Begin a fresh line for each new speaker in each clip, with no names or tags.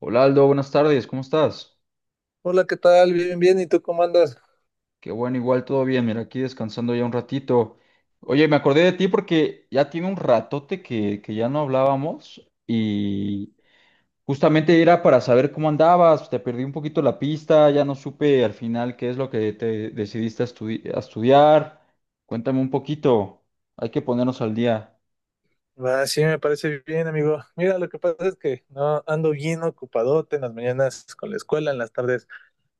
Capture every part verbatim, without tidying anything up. Hola Aldo, buenas tardes, ¿cómo estás?
Hola, ¿qué tal? Bien, bien. ¿Y tú cómo andas?
Qué bueno, igual todo bien, mira, aquí descansando ya un ratito. Oye, me acordé de ti porque ya tiene un ratote que, que ya no hablábamos y justamente era para saber cómo andabas, te perdí un poquito la pista, ya no supe al final qué es lo que te decidiste a, estudi- a estudiar. Cuéntame un poquito, hay que ponernos al día.
Ah, sí, me parece bien, amigo. Mira, lo que pasa es que no ando bien ocupadote en las mañanas con la escuela, en las tardes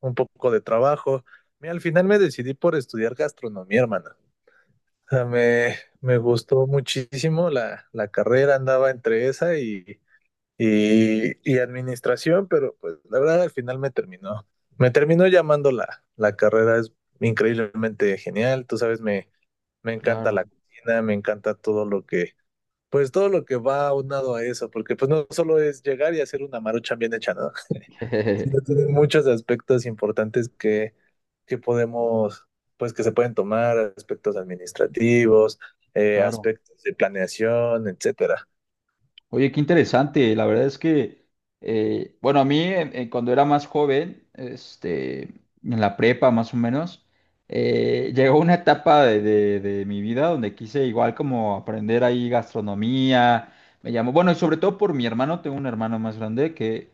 un poco de trabajo. Mira, al final me decidí por estudiar gastronomía, hermano. O sea, me, Me gustó muchísimo la, la carrera, andaba entre esa y, y, y administración, pero pues la verdad al final me terminó. Me terminó llamando la, la carrera, es increíblemente genial. Tú sabes, me Me encanta
Claro,
la cocina, me encanta todo lo que, pues todo lo que va aunado a eso, porque pues no solo es llegar y hacer una maruchan bien hecha, ¿no? Sino tiene muchos aspectos importantes que, que podemos, pues que se pueden tomar, aspectos administrativos, eh,
claro.
aspectos de planeación, etcétera.
Oye, qué interesante. La verdad es que, eh, bueno, a mí eh, eh, cuando era más joven, este, en la prepa más o menos, eh, llegó una etapa de, de- de mi vida donde quise igual como aprender ahí gastronomía. Me llamó, bueno, y sobre todo por mi hermano, tengo un hermano más grande que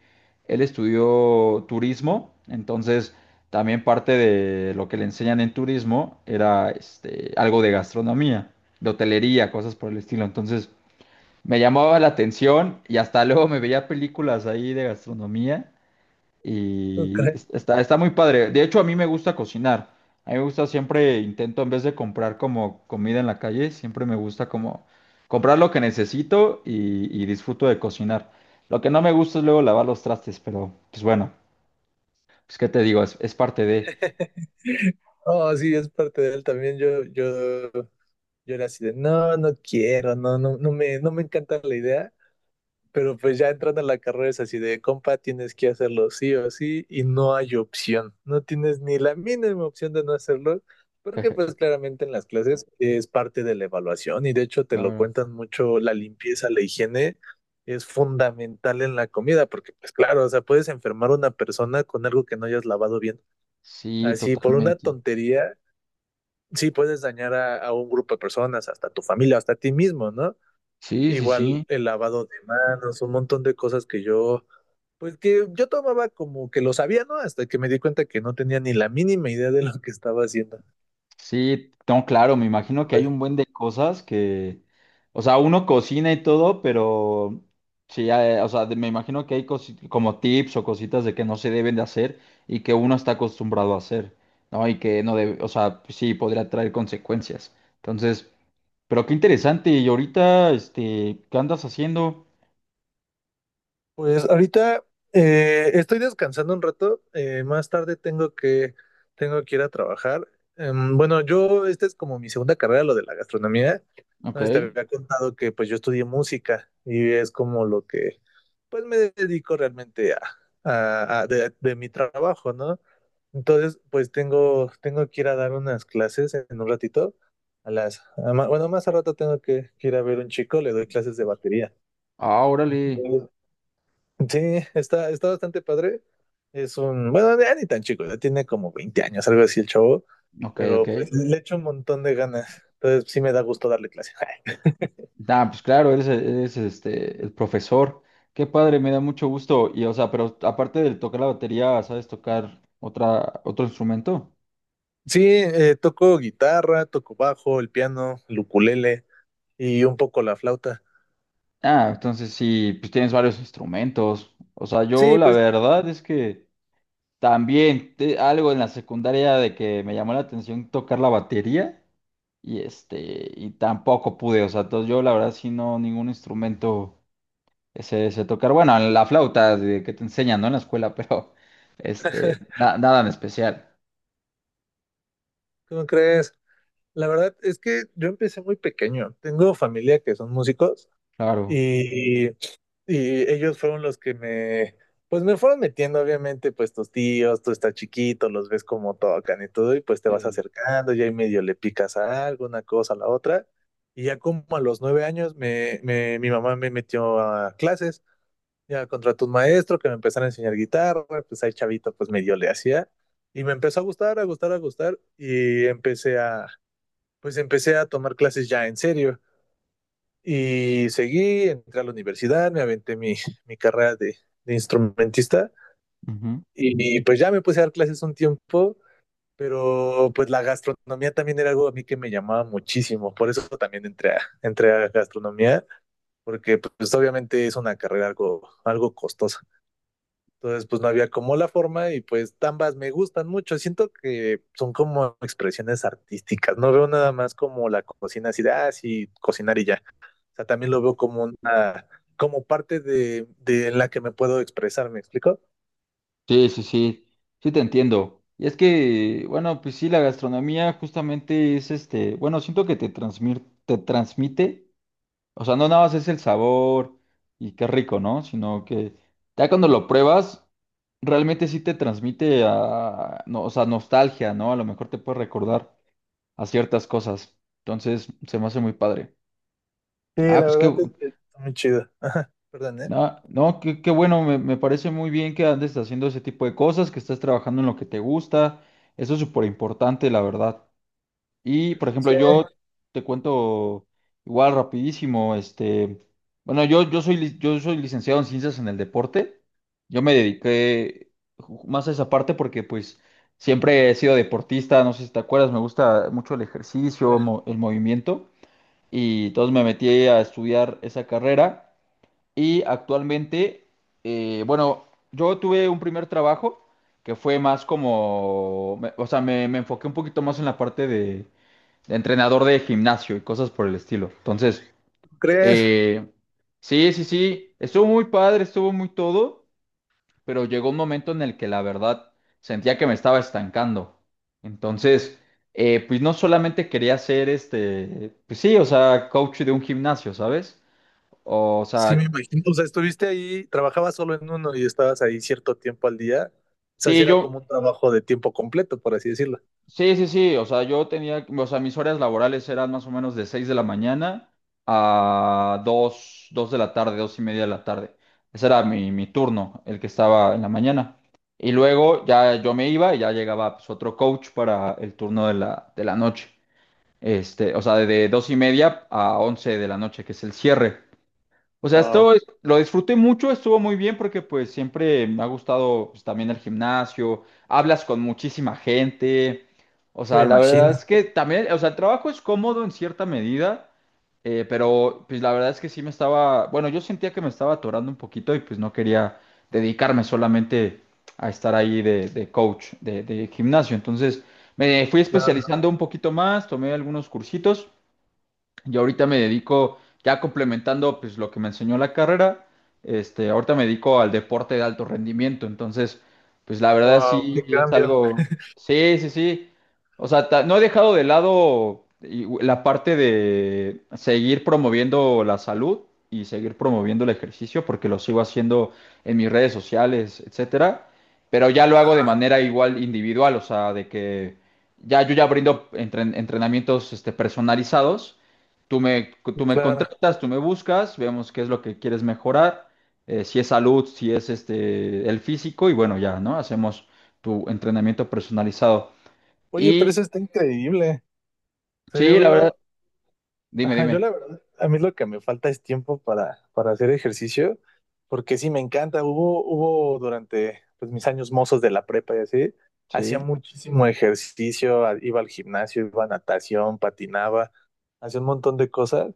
él estudió turismo, entonces también parte de lo que le enseñan en turismo era este, algo de gastronomía, de hotelería, cosas por el estilo. Entonces… Me llamaba la atención y hasta luego me veía películas ahí de gastronomía
¿Tú
y
crees?
es- está, está muy padre. De hecho, a mí me gusta cocinar. A mí me gusta siempre, intento en vez de comprar como comida en la calle, siempre me gusta como comprar lo que necesito y, y disfruto de cocinar. Lo que no me gusta es luego lavar los trastes, pero pues bueno, pues qué te digo, es, es parte de…
Oh, sí, es parte de él también. Yo, yo, yo era así de, no, no quiero, no, no, no me, no me encanta la idea. Pero pues ya entrando a la carrera es así de compa, tienes que hacerlo sí o sí y no hay opción. No tienes ni la mínima opción de no hacerlo, porque pues claramente en las clases es parte de la evaluación y de hecho te lo
Claro.
cuentan mucho, la limpieza, la higiene es fundamental en la comida, porque pues claro, o sea, puedes enfermar a una persona con algo que no hayas lavado bien.
Sí,
Así, por una
totalmente.
tontería, sí puedes dañar a, a un grupo de personas, hasta tu familia, hasta ti mismo, ¿no?
Sí, sí,
Igual
sí.
el lavado de manos, un montón de cosas que yo pues que yo tomaba como que lo sabía, ¿no? Hasta que me di cuenta que no tenía ni la mínima idea de lo que estaba haciendo.
Sí, no, claro, me imagino que hay
Joder.
un buen de cosas que, o sea, uno cocina y todo, pero sí, eh, o sea, de- me imagino que hay cosi- como tips o cositas de que no se deben de hacer y que uno está acostumbrado a hacer, ¿no? Y que no debe, o sea, pues sí, podría traer consecuencias. Entonces, pero qué interesante, y ahorita, este, ¿qué andas haciendo?
Pues ahorita eh, estoy descansando un rato. Eh, más tarde tengo que, tengo que ir a trabajar. Em, bueno, yo, esta es como mi segunda carrera, lo de la gastronomía. No
Ok,
sé si te había contado que pues yo estudié música y es como lo que pues me dedico realmente a, a- a- de, de mi trabajo, ¿no? Entonces, pues tengo, tengo que ir a dar unas clases en un ratito. A las, a ma- bueno, Más al rato tengo que, que ir a ver un chico, le doy clases de batería.
ah, órale,
Sí, está, está bastante padre. Es un, bueno, ya ni tan chico, ya tiene como veinte años, algo así el chavo,
ok, ok.
pero pues le echo un montón de ganas. Entonces sí me da gusto darle clase.
Ah, pues claro, eres, eres, este, el profesor. Qué padre, me da mucho gusto. Y, o sea, pero aparte de tocar la batería, ¿sabes tocar otra, otro instrumento?
Sí, eh, toco guitarra, toco bajo, el piano, el ukulele y un poco la flauta.
Ah, entonces sí, pues tienes varios instrumentos. O sea, yo
Sí,
la
pues,
verdad es que también te- algo en la secundaria de que me llamó la atención tocar la batería y este, y tampoco pude. O sea, entonces yo la verdad sí no, ningún instrumento. Ese, sé tocar, bueno, la flauta de- que te enseñan, ¿no? En la escuela, pero este, na- nada en especial,
¿cómo crees? La verdad es que yo empecé muy pequeño. Tengo familia que son músicos
claro.
y, y ellos fueron los que me, pues me fueron metiendo, obviamente, pues tus tíos, tú estás chiquito, los ves como tocan y todo, y pues te vas
Sí.
acercando, ya ahí medio le picas a algo, una cosa a la otra. Y ya como a los nueve años, me, me- mi mamá me metió a clases. Ya contraté un maestro que me empezara a enseñar guitarra, pues ahí chavito, pues medio le hacía. Y me empezó a gustar, a gustar, a gustar. Y empecé a, pues empecé a tomar clases ya en serio. Y seguí, entré a la universidad, me aventé mi, mi carrera de, de instrumentista.
Ujú.
Y, y, pues ya me puse a dar clases un tiempo, pero pues la gastronomía también era algo a mí que me llamaba muchísimo. Por eso también entré a, entré a gastronomía, porque pues obviamente es una carrera algo, algo costosa. Entonces, pues no había como la forma y pues ambas me gustan mucho. Siento que son como expresiones artísticas. No veo nada más como la cocina así de, ah, sí, cocinar y ya. O sea, también lo veo como una, como parte de, de en la que me puedo expresar, ¿me explico?
Sí, sí, sí, sí te entiendo. Y es que, bueno, pues sí, la gastronomía justamente es este, bueno, siento que te transmir, te transmite, o sea, no nada más es el sabor y qué rico, ¿no? Sino que ya cuando lo pruebas, realmente sí te transmite a, no, o sea, nostalgia, ¿no? A lo mejor te puede recordar a ciertas cosas. Entonces, se me hace muy padre.
Sí,
Ah,
la
pues qué,
verdad es que está muy chido. Perdón, ¿eh?
no, no, qué, qué bueno, me, me parece muy bien que andes haciendo ese tipo de cosas, que estés trabajando en lo que te gusta. Eso es súper importante, la verdad. Y, por ejemplo,
Sí.
yo te cuento igual rapidísimo, este, bueno, yo, yo soy, li- yo soy licenciado en ciencias en el deporte. Yo me dediqué ju- más a esa parte porque, pues, siempre he sido deportista, no sé si te acuerdas, me gusta mucho el
¿Tú
ejercicio, mo- el movimiento. Y entonces me metí a estudiar esa carrera y actualmente, eh, bueno, yo tuve un primer trabajo que fue más como, me- o sea, me, me enfoqué un poquito más en la parte de, de entrenador de gimnasio y cosas por el estilo. Entonces,
¿Crees?
eh, sí, sí, sí, estuvo muy padre, estuvo muy todo, pero llegó un momento en el que la verdad sentía que me estaba estancando. Entonces, eh, pues no solamente quería ser este, pues sí, o sea, coach de un gimnasio, ¿sabes? O
Sí, me
sea,
imagino. O sea, estuviste ahí, trabajabas solo en uno y estabas ahí cierto tiempo al día. O sea, sí
sí,
era como
yo,
un trabajo de tiempo completo, por así decirlo.
sí, sí, sí, o sea, yo tenía, o sea, mis horas laborales eran más o menos de seis de la mañana a dos dos de la tarde, dos y media de la tarde. Ese era mi, mi turno, el que estaba en la mañana. Y luego ya yo me iba y ya llegaba pues, otro coach para el turno de la, de la noche. Este, o sea, de dos y media a once de la noche, que es el cierre. O sea,
Wow,
esto es- lo disfruté mucho, estuvo muy bien porque pues siempre me ha gustado pues, también el gimnasio, hablas con muchísima gente, o
sí
sea,
me
la verdad
imagino.
es que también, o sea, el trabajo es cómodo en cierta medida, eh, pero pues la verdad es que sí me estaba, bueno, yo sentía que me estaba atorando un poquito y pues no quería dedicarme solamente a estar ahí de, de coach de, de gimnasio, entonces me fui
Claro.
especializando un poquito más, tomé algunos cursitos. Yo ahorita me dedico, ya complementando pues lo que me enseñó la carrera, este, ahorita me dedico al deporte de alto rendimiento, entonces pues la verdad
Wow, qué
sí es
cambio.
algo, sí, sí, sí, o sea, ta- no he dejado de lado y- la parte de seguir promoviendo la salud y seguir promoviendo el ejercicio porque lo sigo haciendo en mis redes sociales, etcétera, pero ya lo hago de
Ajá,
manera igual individual, o sea, de que ya yo ya brindo entren- entrenamientos este, personalizados. Tú me, tú me
claro.
contratas, tú me buscas, vemos qué es lo que quieres mejorar, eh, si es salud, si es este, el físico, y bueno, ya, ¿no? Hacemos tu entrenamiento personalizado.
Oye, pero
Y
eso está increíble. O sea, yo
sí, la verdad,
veo,
dime,
ajá, yo
dime.
la verdad, a mí lo que me falta es tiempo para, para hacer ejercicio, porque sí me encanta. Hubo, hubo durante pues, mis años mozos de la prepa y así, hacía
Sí.
muchísimo ejercicio, a- iba al gimnasio, iba a natación, patinaba, hacía un montón de cosas.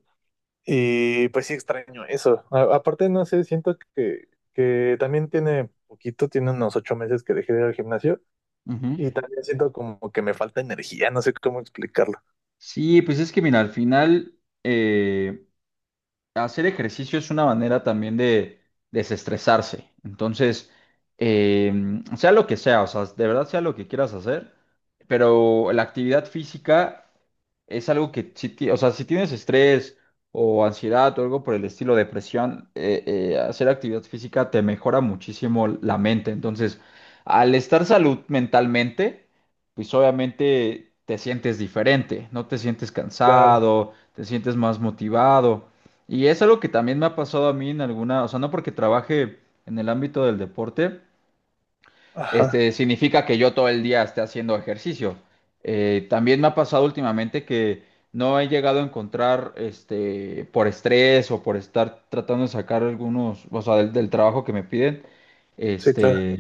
Y pues sí extraño eso. A- aparte, no sé, siento que, que también tiene poquito, tiene unos ocho meses que dejé de ir al gimnasio.
Ujú.
Y también siento como que me falta energía, no sé cómo explicarlo.
Sí, pues es que mira, al final eh, hacer ejercicio es una manera también de desestresarse. Entonces, eh, sea lo que sea, o sea, de verdad sea lo que quieras hacer, pero la actividad física es algo que, si, ti- o sea, si tienes estrés o ansiedad o algo por el estilo, depresión, eh, eh, hacer actividad física te mejora muchísimo la mente. Entonces, al estar salud mentalmente, pues obviamente te sientes diferente, no te sientes
Claro,
cansado, te sientes más motivado. Y es algo que también me ha pasado a mí en alguna, o sea, no porque trabaje en el ámbito del deporte,
ajá,
este, significa que yo todo el día esté haciendo ejercicio. Eh, también me ha pasado últimamente que no he llegado a encontrar, este, por estrés o por estar tratando de sacar algunos, o sea, del, del trabajo que me piden,
sí, claro.
este,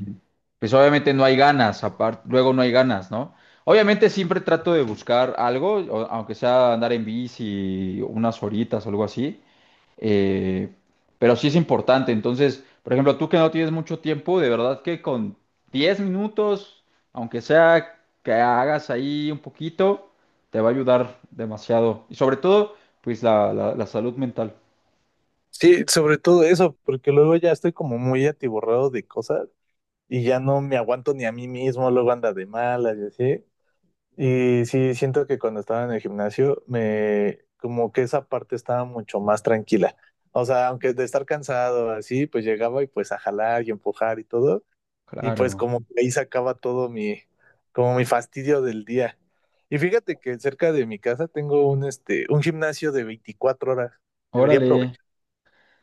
pues obviamente no hay ganas, aparte, luego no hay ganas, ¿no? Obviamente siempre trato de buscar algo, o- aunque sea andar en bici unas horitas o algo así, eh, pero sí es importante. Entonces, por ejemplo, tú que no tienes mucho tiempo, de verdad que con diez minutos, aunque sea que hagas ahí un poquito, te va a ayudar demasiado. Y sobre todo, pues la, la la salud mental.
Sí, sobre todo eso, porque luego ya estoy como muy atiborrado de cosas y ya no me aguanto ni a mí mismo, luego anda de malas y así. Y sí, siento que cuando estaba en el gimnasio, me como que esa parte estaba mucho más tranquila. O sea, aunque de estar cansado así, pues llegaba y pues a jalar y empujar y todo. Y pues
Claro.
como que ahí sacaba todo mi, como mi fastidio del día. Y fíjate que cerca de mi casa tengo un, este, un gimnasio de veinticuatro horas. Debería
Órale.
aprovechar.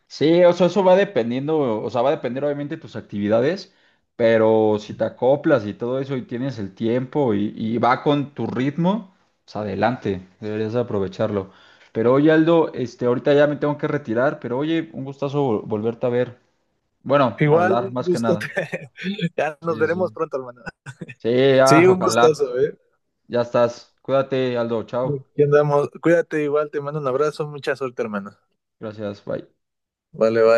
Sí, o sea, eso va dependiendo, o sea, va a depender obviamente de tus actividades, pero si te acoplas y todo eso y tienes el tiempo y, y va con tu ritmo, pues adelante, deberías aprovecharlo. Pero oye, Aldo, este, ahorita ya me tengo que retirar, pero oye, un gustazo vol- volverte a ver. Bueno,
Igual,
hablar
un
más que
gusto.
nada.
Ya nos
Sí,
veremos
sí.
pronto, hermano.
Sí, ah,
Sí, un
ojalá.
gustoso ¿eh?
Ya estás. Cuídate, Aldo. Chao.
Aquí andamos. Cuídate igual, te mando un abrazo, mucha suerte, hermano.
Gracias. Bye.
Vale, bye.